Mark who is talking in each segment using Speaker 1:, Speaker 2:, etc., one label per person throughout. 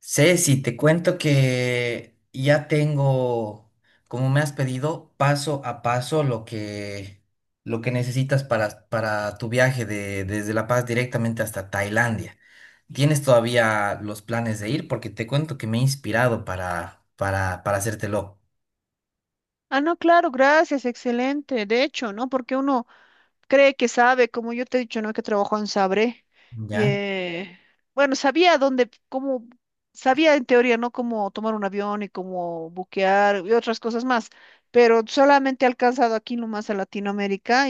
Speaker 1: Ceci, te cuento que ya tengo, como me has pedido, paso a paso lo que necesitas para tu viaje desde La Paz directamente hasta Tailandia. ¿Tienes todavía los planes de ir? Porque te cuento que me he inspirado para hacértelo.
Speaker 2: Ah, no, claro, gracias, excelente. De hecho, ¿no? Porque uno cree que sabe, como yo te he dicho, ¿no? Que trabajó en Sabre. Y
Speaker 1: ¿Ya?
Speaker 2: eh, bueno, sabía dónde, cómo, sabía en teoría, ¿no? Cómo tomar un avión y cómo buquear y otras cosas más. Pero solamente he alcanzado aquí nomás a Latinoamérica.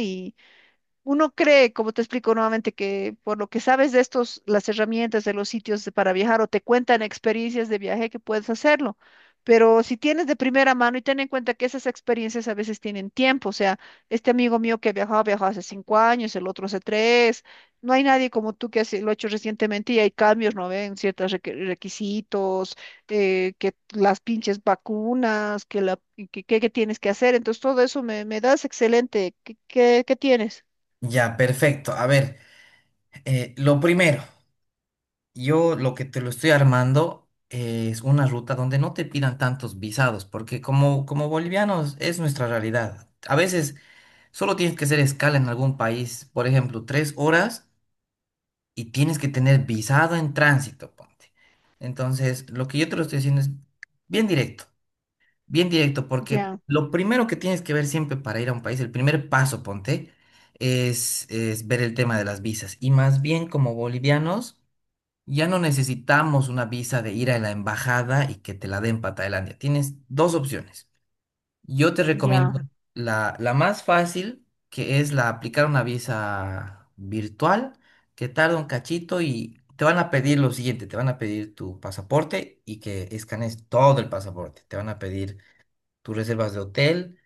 Speaker 2: Uno cree, como te explico nuevamente, que por lo que sabes de estos, las herramientas de los sitios para viajar o te cuentan experiencias de viaje que puedes hacerlo. Pero si tienes de primera mano y ten en cuenta que esas experiencias a veces tienen tiempo, o sea, este amigo mío viajó hace 5 años, el otro hace tres. No hay nadie como tú que lo ha hecho recientemente y hay cambios, ¿no ven? Ciertos requisitos, que las pinches vacunas, que tienes que hacer, entonces todo eso me das excelente. Qué tienes?
Speaker 1: Ya, perfecto. A ver, lo primero. Yo lo que te lo estoy armando es una ruta donde no te pidan tantos visados, porque como bolivianos es nuestra realidad. A veces solo tienes que hacer escala en algún país, por ejemplo, 3 horas y tienes que tener visado en tránsito, ponte. Entonces, lo que yo te lo estoy diciendo es bien directo, bien directo, porque
Speaker 2: Ya,
Speaker 1: lo primero que tienes que ver siempre para ir a un país, el primer paso, ponte, es ver el tema de las visas. Y más bien como bolivianos. Ya no necesitamos una visa de ir a la embajada y que te la den para Tailandia. Tienes dos opciones. Yo te recomiendo
Speaker 2: ya,
Speaker 1: la más fácil, que es la aplicar una visa virtual, que tarda un cachito y te van a pedir lo siguiente, te van a pedir tu pasaporte y que escanees todo el pasaporte. Te van a pedir tus reservas de hotel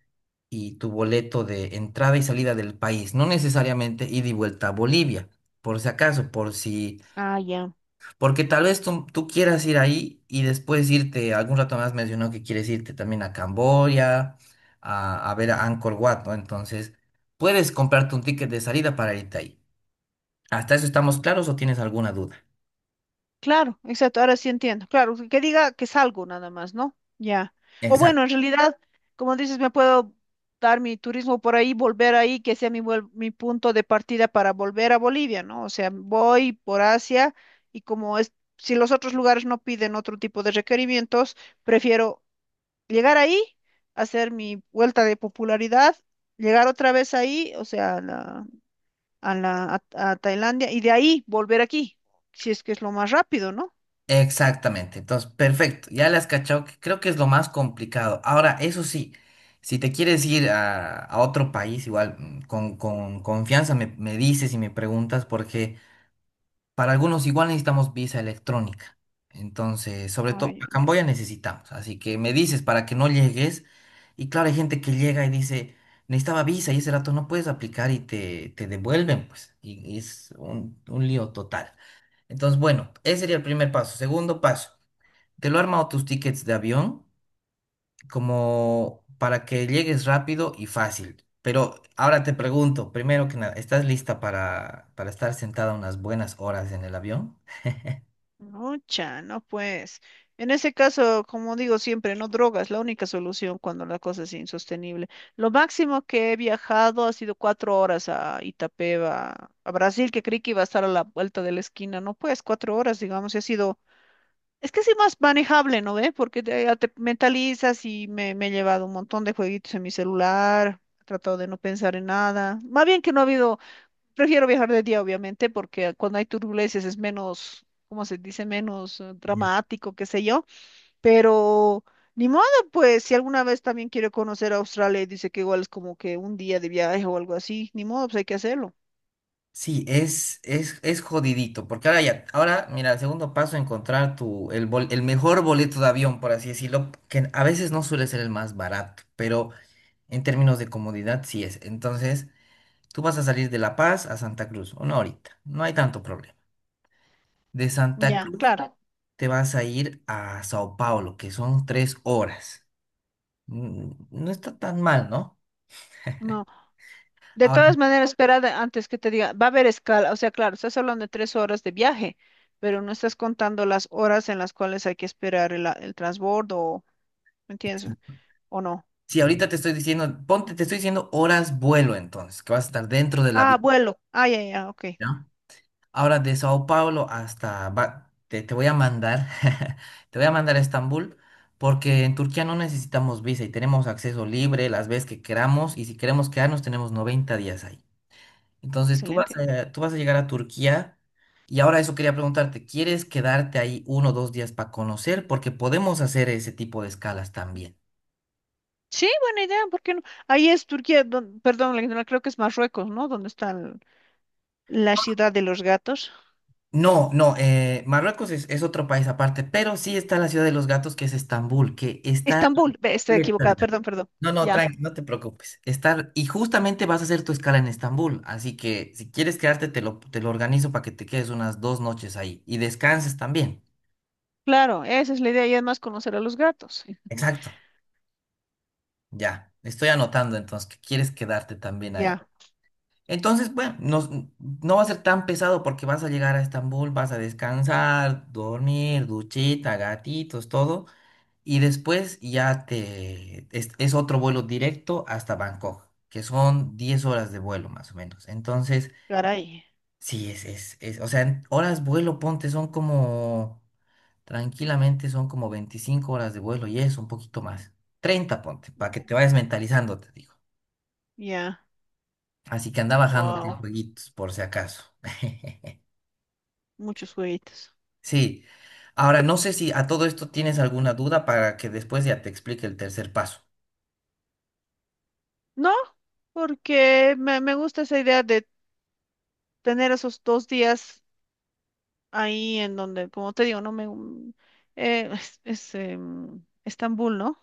Speaker 1: y tu boleto de entrada y salida del país, no necesariamente ida y vuelta a Bolivia, por si acaso, por si
Speaker 2: ah, ya.
Speaker 1: porque tal vez tú quieras ir ahí y después irte, algún rato más mencionó que quieres irte también a Camboya, a ver a Angkor Wat, ¿no? Entonces, puedes comprarte un ticket de salida para irte ahí. ¿Hasta eso estamos claros o tienes alguna duda?
Speaker 2: Claro, exacto, ahora sí entiendo. Claro, que diga que salgo nada más, ¿no? Ya. O
Speaker 1: Exacto.
Speaker 2: bueno, en realidad, como dices, me puedo dar mi turismo por ahí, volver ahí, que sea mi punto de partida para volver a Bolivia, ¿no? O sea, voy por Asia y como es, si los otros lugares no piden otro tipo de requerimientos, prefiero llegar ahí, hacer mi vuelta de popularidad, llegar otra vez ahí, o sea, a Tailandia y de ahí volver aquí, si es que es lo más rápido, ¿no?
Speaker 1: Exactamente. Entonces, perfecto. Ya le has cachado que creo que es lo más complicado. Ahora, eso sí, si te quieres ir a otro país, igual con confianza me dices y me preguntas porque... Para algunos igual necesitamos visa electrónica. Entonces, sobre todo
Speaker 2: Ay,
Speaker 1: a Camboya necesitamos. Así que me dices para que no llegues. Y claro, hay gente que llega y dice, necesitaba visa y ese rato no puedes aplicar y te devuelven, pues. Y es un lío total. Entonces, bueno, ese sería el primer paso. Segundo paso, te lo he armado tus tickets de avión como para que llegues rápido y fácil. Pero ahora te pregunto, primero que nada, ¿estás lista para estar sentada unas buenas horas en el avión?
Speaker 2: no, cha, no pues. En ese caso, como digo siempre, no drogas, la única solución cuando la cosa es insostenible. Lo máximo que he viajado ha sido 4 horas a Itapeva, a Brasil, que creí que iba a estar a la vuelta de la esquina. No, pues 4 horas, digamos, y ha sido. Es que es más manejable, ¿no ve? Porque te, ya te mentalizas y me he llevado un montón de jueguitos en mi celular, he tratado de no pensar en nada. Más bien que no ha habido, prefiero viajar de día, obviamente, porque cuando hay turbulencias es menos, ¿cómo se dice? Menos dramático, qué sé yo. Pero ni modo, pues, si alguna vez también quiere conocer a Australia y dice que igual es como que un día de viaje o algo así, ni modo, pues hay que hacerlo.
Speaker 1: Sí, es jodidito, porque ahora ya, ahora, mira, el segundo paso, encontrar el mejor boleto de avión, por así decirlo, que a veces no suele ser el más barato, pero en términos de comodidad sí es. Entonces, tú vas a salir de La Paz a Santa Cruz, una horita, no hay tanto problema. De Santa
Speaker 2: Ya,
Speaker 1: Cruz
Speaker 2: claro.
Speaker 1: te vas a ir a Sao Paulo, que son 3 horas. No está tan mal, ¿no?
Speaker 2: No. De
Speaker 1: Ahora,
Speaker 2: todas maneras, espera antes que te diga, va a haber escala, o sea, claro, estás hablando de 3 horas de viaje, pero no estás contando las horas en las cuales hay que esperar el transbordo, o- ¿me entiendes? ¿O no?
Speaker 1: si ahorita te estoy diciendo, ponte, te estoy diciendo horas vuelo entonces, que vas a estar dentro del
Speaker 2: Ah,
Speaker 1: avión.
Speaker 2: vuelo. Ah, ya, ya, ok.
Speaker 1: Ahora de Sao Paulo hasta... te voy a mandar, te voy a mandar a Estambul, porque en Turquía no necesitamos visa y tenemos acceso libre las veces que queramos y si queremos quedarnos tenemos 90 días ahí. Entonces tú vas
Speaker 2: Excelente.
Speaker 1: a, tú vas a llegar a Turquía y ahora eso quería preguntarte, ¿quieres quedarte ahí 1 o 2 días para conocer? Porque podemos hacer ese tipo de escalas también.
Speaker 2: Sí, buena idea, ¿por qué no? Ahí es Turquía, don- perdón, la ignoré, creo que es Marruecos, ¿no? Donde está la ciudad de los gatos.
Speaker 1: No, no, Marruecos es otro país aparte, pero sí está la ciudad de los gatos que es Estambul, que está...
Speaker 2: Estambul, ve, estoy equivocada, perdón, perdón.
Speaker 1: No, no,
Speaker 2: Ya,
Speaker 1: tranqui, no te preocupes. Y justamente vas a hacer tu escala en Estambul, así que si quieres quedarte, te lo organizo para que te quedes unas 2 noches ahí y descanses también.
Speaker 2: claro, esa es la idea y además conocer a los gatos.
Speaker 1: Exacto, ya. Estoy anotando entonces que quieres quedarte también ahí.
Speaker 2: Ya,
Speaker 1: Entonces, bueno, no va a ser tan pesado porque vas a llegar a Estambul, vas a descansar, dormir, duchita, gatitos, todo. Y después ya te... Es otro vuelo directo hasta Bangkok, que son 10 horas de vuelo más o menos. Entonces...
Speaker 2: caray,
Speaker 1: Sí, es, o sea, en horas vuelo, ponte, son como, tranquilamente son como 25 horas de vuelo y es un poquito más. 30 ponte, para que te vayas mentalizando, te digo.
Speaker 2: ya,
Speaker 1: Así que anda bajándote el
Speaker 2: wow,
Speaker 1: jueguitos, por si acaso.
Speaker 2: muchos juguetes.
Speaker 1: Sí. Ahora, no sé si a todo esto tienes alguna duda para que después ya te explique el tercer paso.
Speaker 2: No, porque me gusta esa idea de tener esos 2 días ahí en donde, como te digo, no me Estambul, ¿no?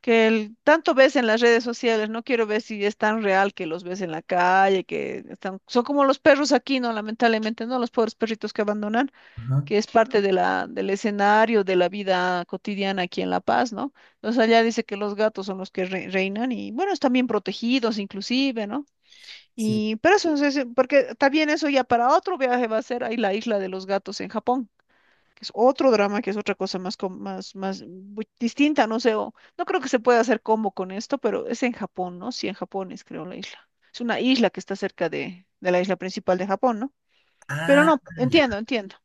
Speaker 2: Que tanto ves en las redes sociales, no quiero ver si es tan real que los ves en la calle, que están, son como los perros aquí, ¿no? Lamentablemente, ¿no? Los pobres perritos que abandonan,
Speaker 1: Ajá.
Speaker 2: que es parte de del escenario de la vida cotidiana aquí en La Paz, ¿no? Entonces allá dice que los gatos son los que reinan y bueno, están bien protegidos inclusive, ¿no?
Speaker 1: Sí.
Speaker 2: Y, pero eso, porque también eso ya para otro viaje va a ser ahí la isla de los gatos en Japón, que es otro drama, que es otra cosa más, más distinta, no sé, o- no creo que se pueda hacer combo con esto, pero es en Japón, ¿no? Sí, en Japón es, creo, la isla. Es una isla que está cerca de la isla principal de Japón, ¿no? Pero
Speaker 1: Ah,
Speaker 2: no,
Speaker 1: ya.
Speaker 2: entiendo,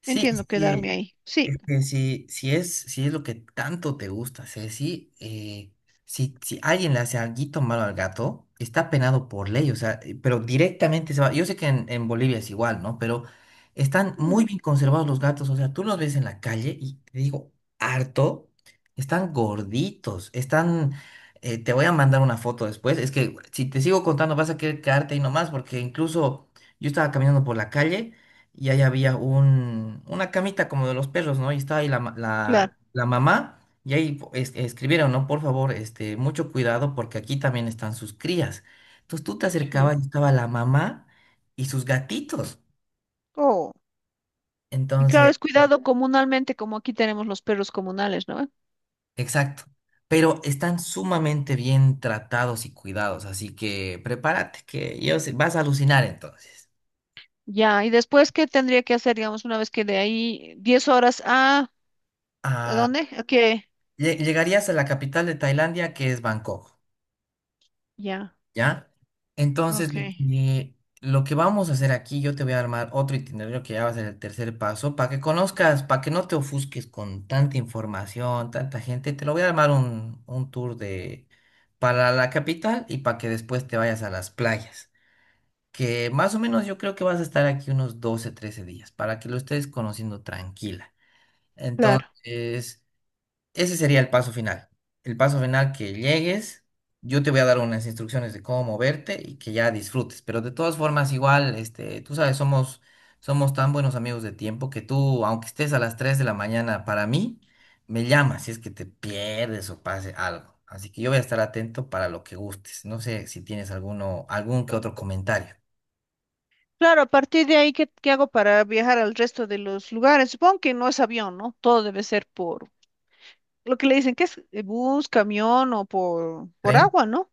Speaker 1: Sí,
Speaker 2: entiendo
Speaker 1: es que
Speaker 2: quedarme ahí. Sí,
Speaker 1: que si es lo que tanto te gusta, hacer, si alguien le hace alguito malo al gato, está penado por ley, o sea, pero directamente se va. Yo sé que en Bolivia es igual, ¿no? Pero están
Speaker 2: mm,
Speaker 1: muy bien conservados los gatos, o sea, tú los ves en la calle y te digo, harto, están gorditos, están. Te voy a mandar una foto después. Es que si te sigo contando vas a querer quedarte ahí nomás, porque incluso yo estaba caminando por la calle y ahí había una camita como de los perros, ¿no? Y estaba ahí la, ma-
Speaker 2: claro,
Speaker 1: la, la mamá y ahí escribieron, ¿no? Por favor, mucho cuidado porque aquí también están sus crías. Entonces tú te
Speaker 2: yeah.
Speaker 1: acercabas y estaba la mamá y sus gatitos.
Speaker 2: Oh, y claro,
Speaker 1: Entonces,
Speaker 2: es cuidado comunalmente, como aquí tenemos los perros comunales, ¿no?
Speaker 1: exacto. Pero están sumamente bien tratados y cuidados, así que prepárate, que vas a alucinar entonces.
Speaker 2: Ya, y después, ¿qué tendría que hacer, digamos, una vez que de ahí 10 horas a... ¿A
Speaker 1: Ah,
Speaker 2: dónde? ¿A qué?
Speaker 1: llegarías a la capital de Tailandia, que es Bangkok.
Speaker 2: Ya,
Speaker 1: ¿Ya? Entonces,
Speaker 2: ok,
Speaker 1: que, lo que vamos a hacer aquí, yo te voy a armar otro itinerario que ya va a ser el tercer paso, para que conozcas, para que no te ofusques con tanta información, tanta gente, te lo voy a armar un tour para la capital y para que después te vayas a las playas, que más o menos yo creo que vas a estar aquí unos 12, 13 días, para que lo estés conociendo tranquila.
Speaker 2: claro.
Speaker 1: Entonces... Ese sería el paso final. El paso final que llegues, yo te voy a dar unas instrucciones de cómo moverte y que ya disfrutes. Pero de todas formas, igual, este, tú sabes, somos tan buenos amigos de tiempo que tú, aunque estés a las 3 de la mañana, para mí, me llamas si es que te pierdes o pase algo. Así que yo voy a estar atento para lo que gustes. No sé si tienes algún que otro comentario.
Speaker 2: Claro, a partir de ahí, qué hago para viajar al resto de los lugares? Supongo que no es avión, ¿no? Todo debe ser por lo que le dicen que es bus, camión o por
Speaker 1: ¿Creen?
Speaker 2: agua, ¿no?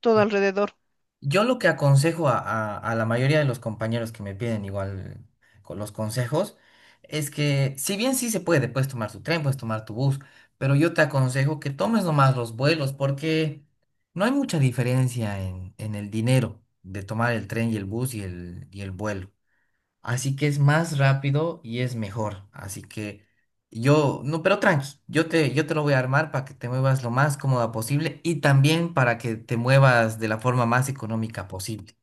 Speaker 2: Todo alrededor.
Speaker 1: Yo lo que aconsejo a la mayoría de los compañeros que me piden igual con los consejos es que si bien sí se puede, puedes tomar tu tren, puedes tomar tu bus, pero yo te aconsejo que tomes nomás los vuelos porque no hay mucha diferencia en el dinero de tomar el tren y el bus y y el vuelo. Así que es más rápido y es mejor. Así que no, pero tranqui, yo te lo voy a armar para que te muevas lo más cómoda posible y también para que te muevas de la forma más económica posible.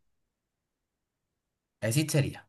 Speaker 1: Así sería.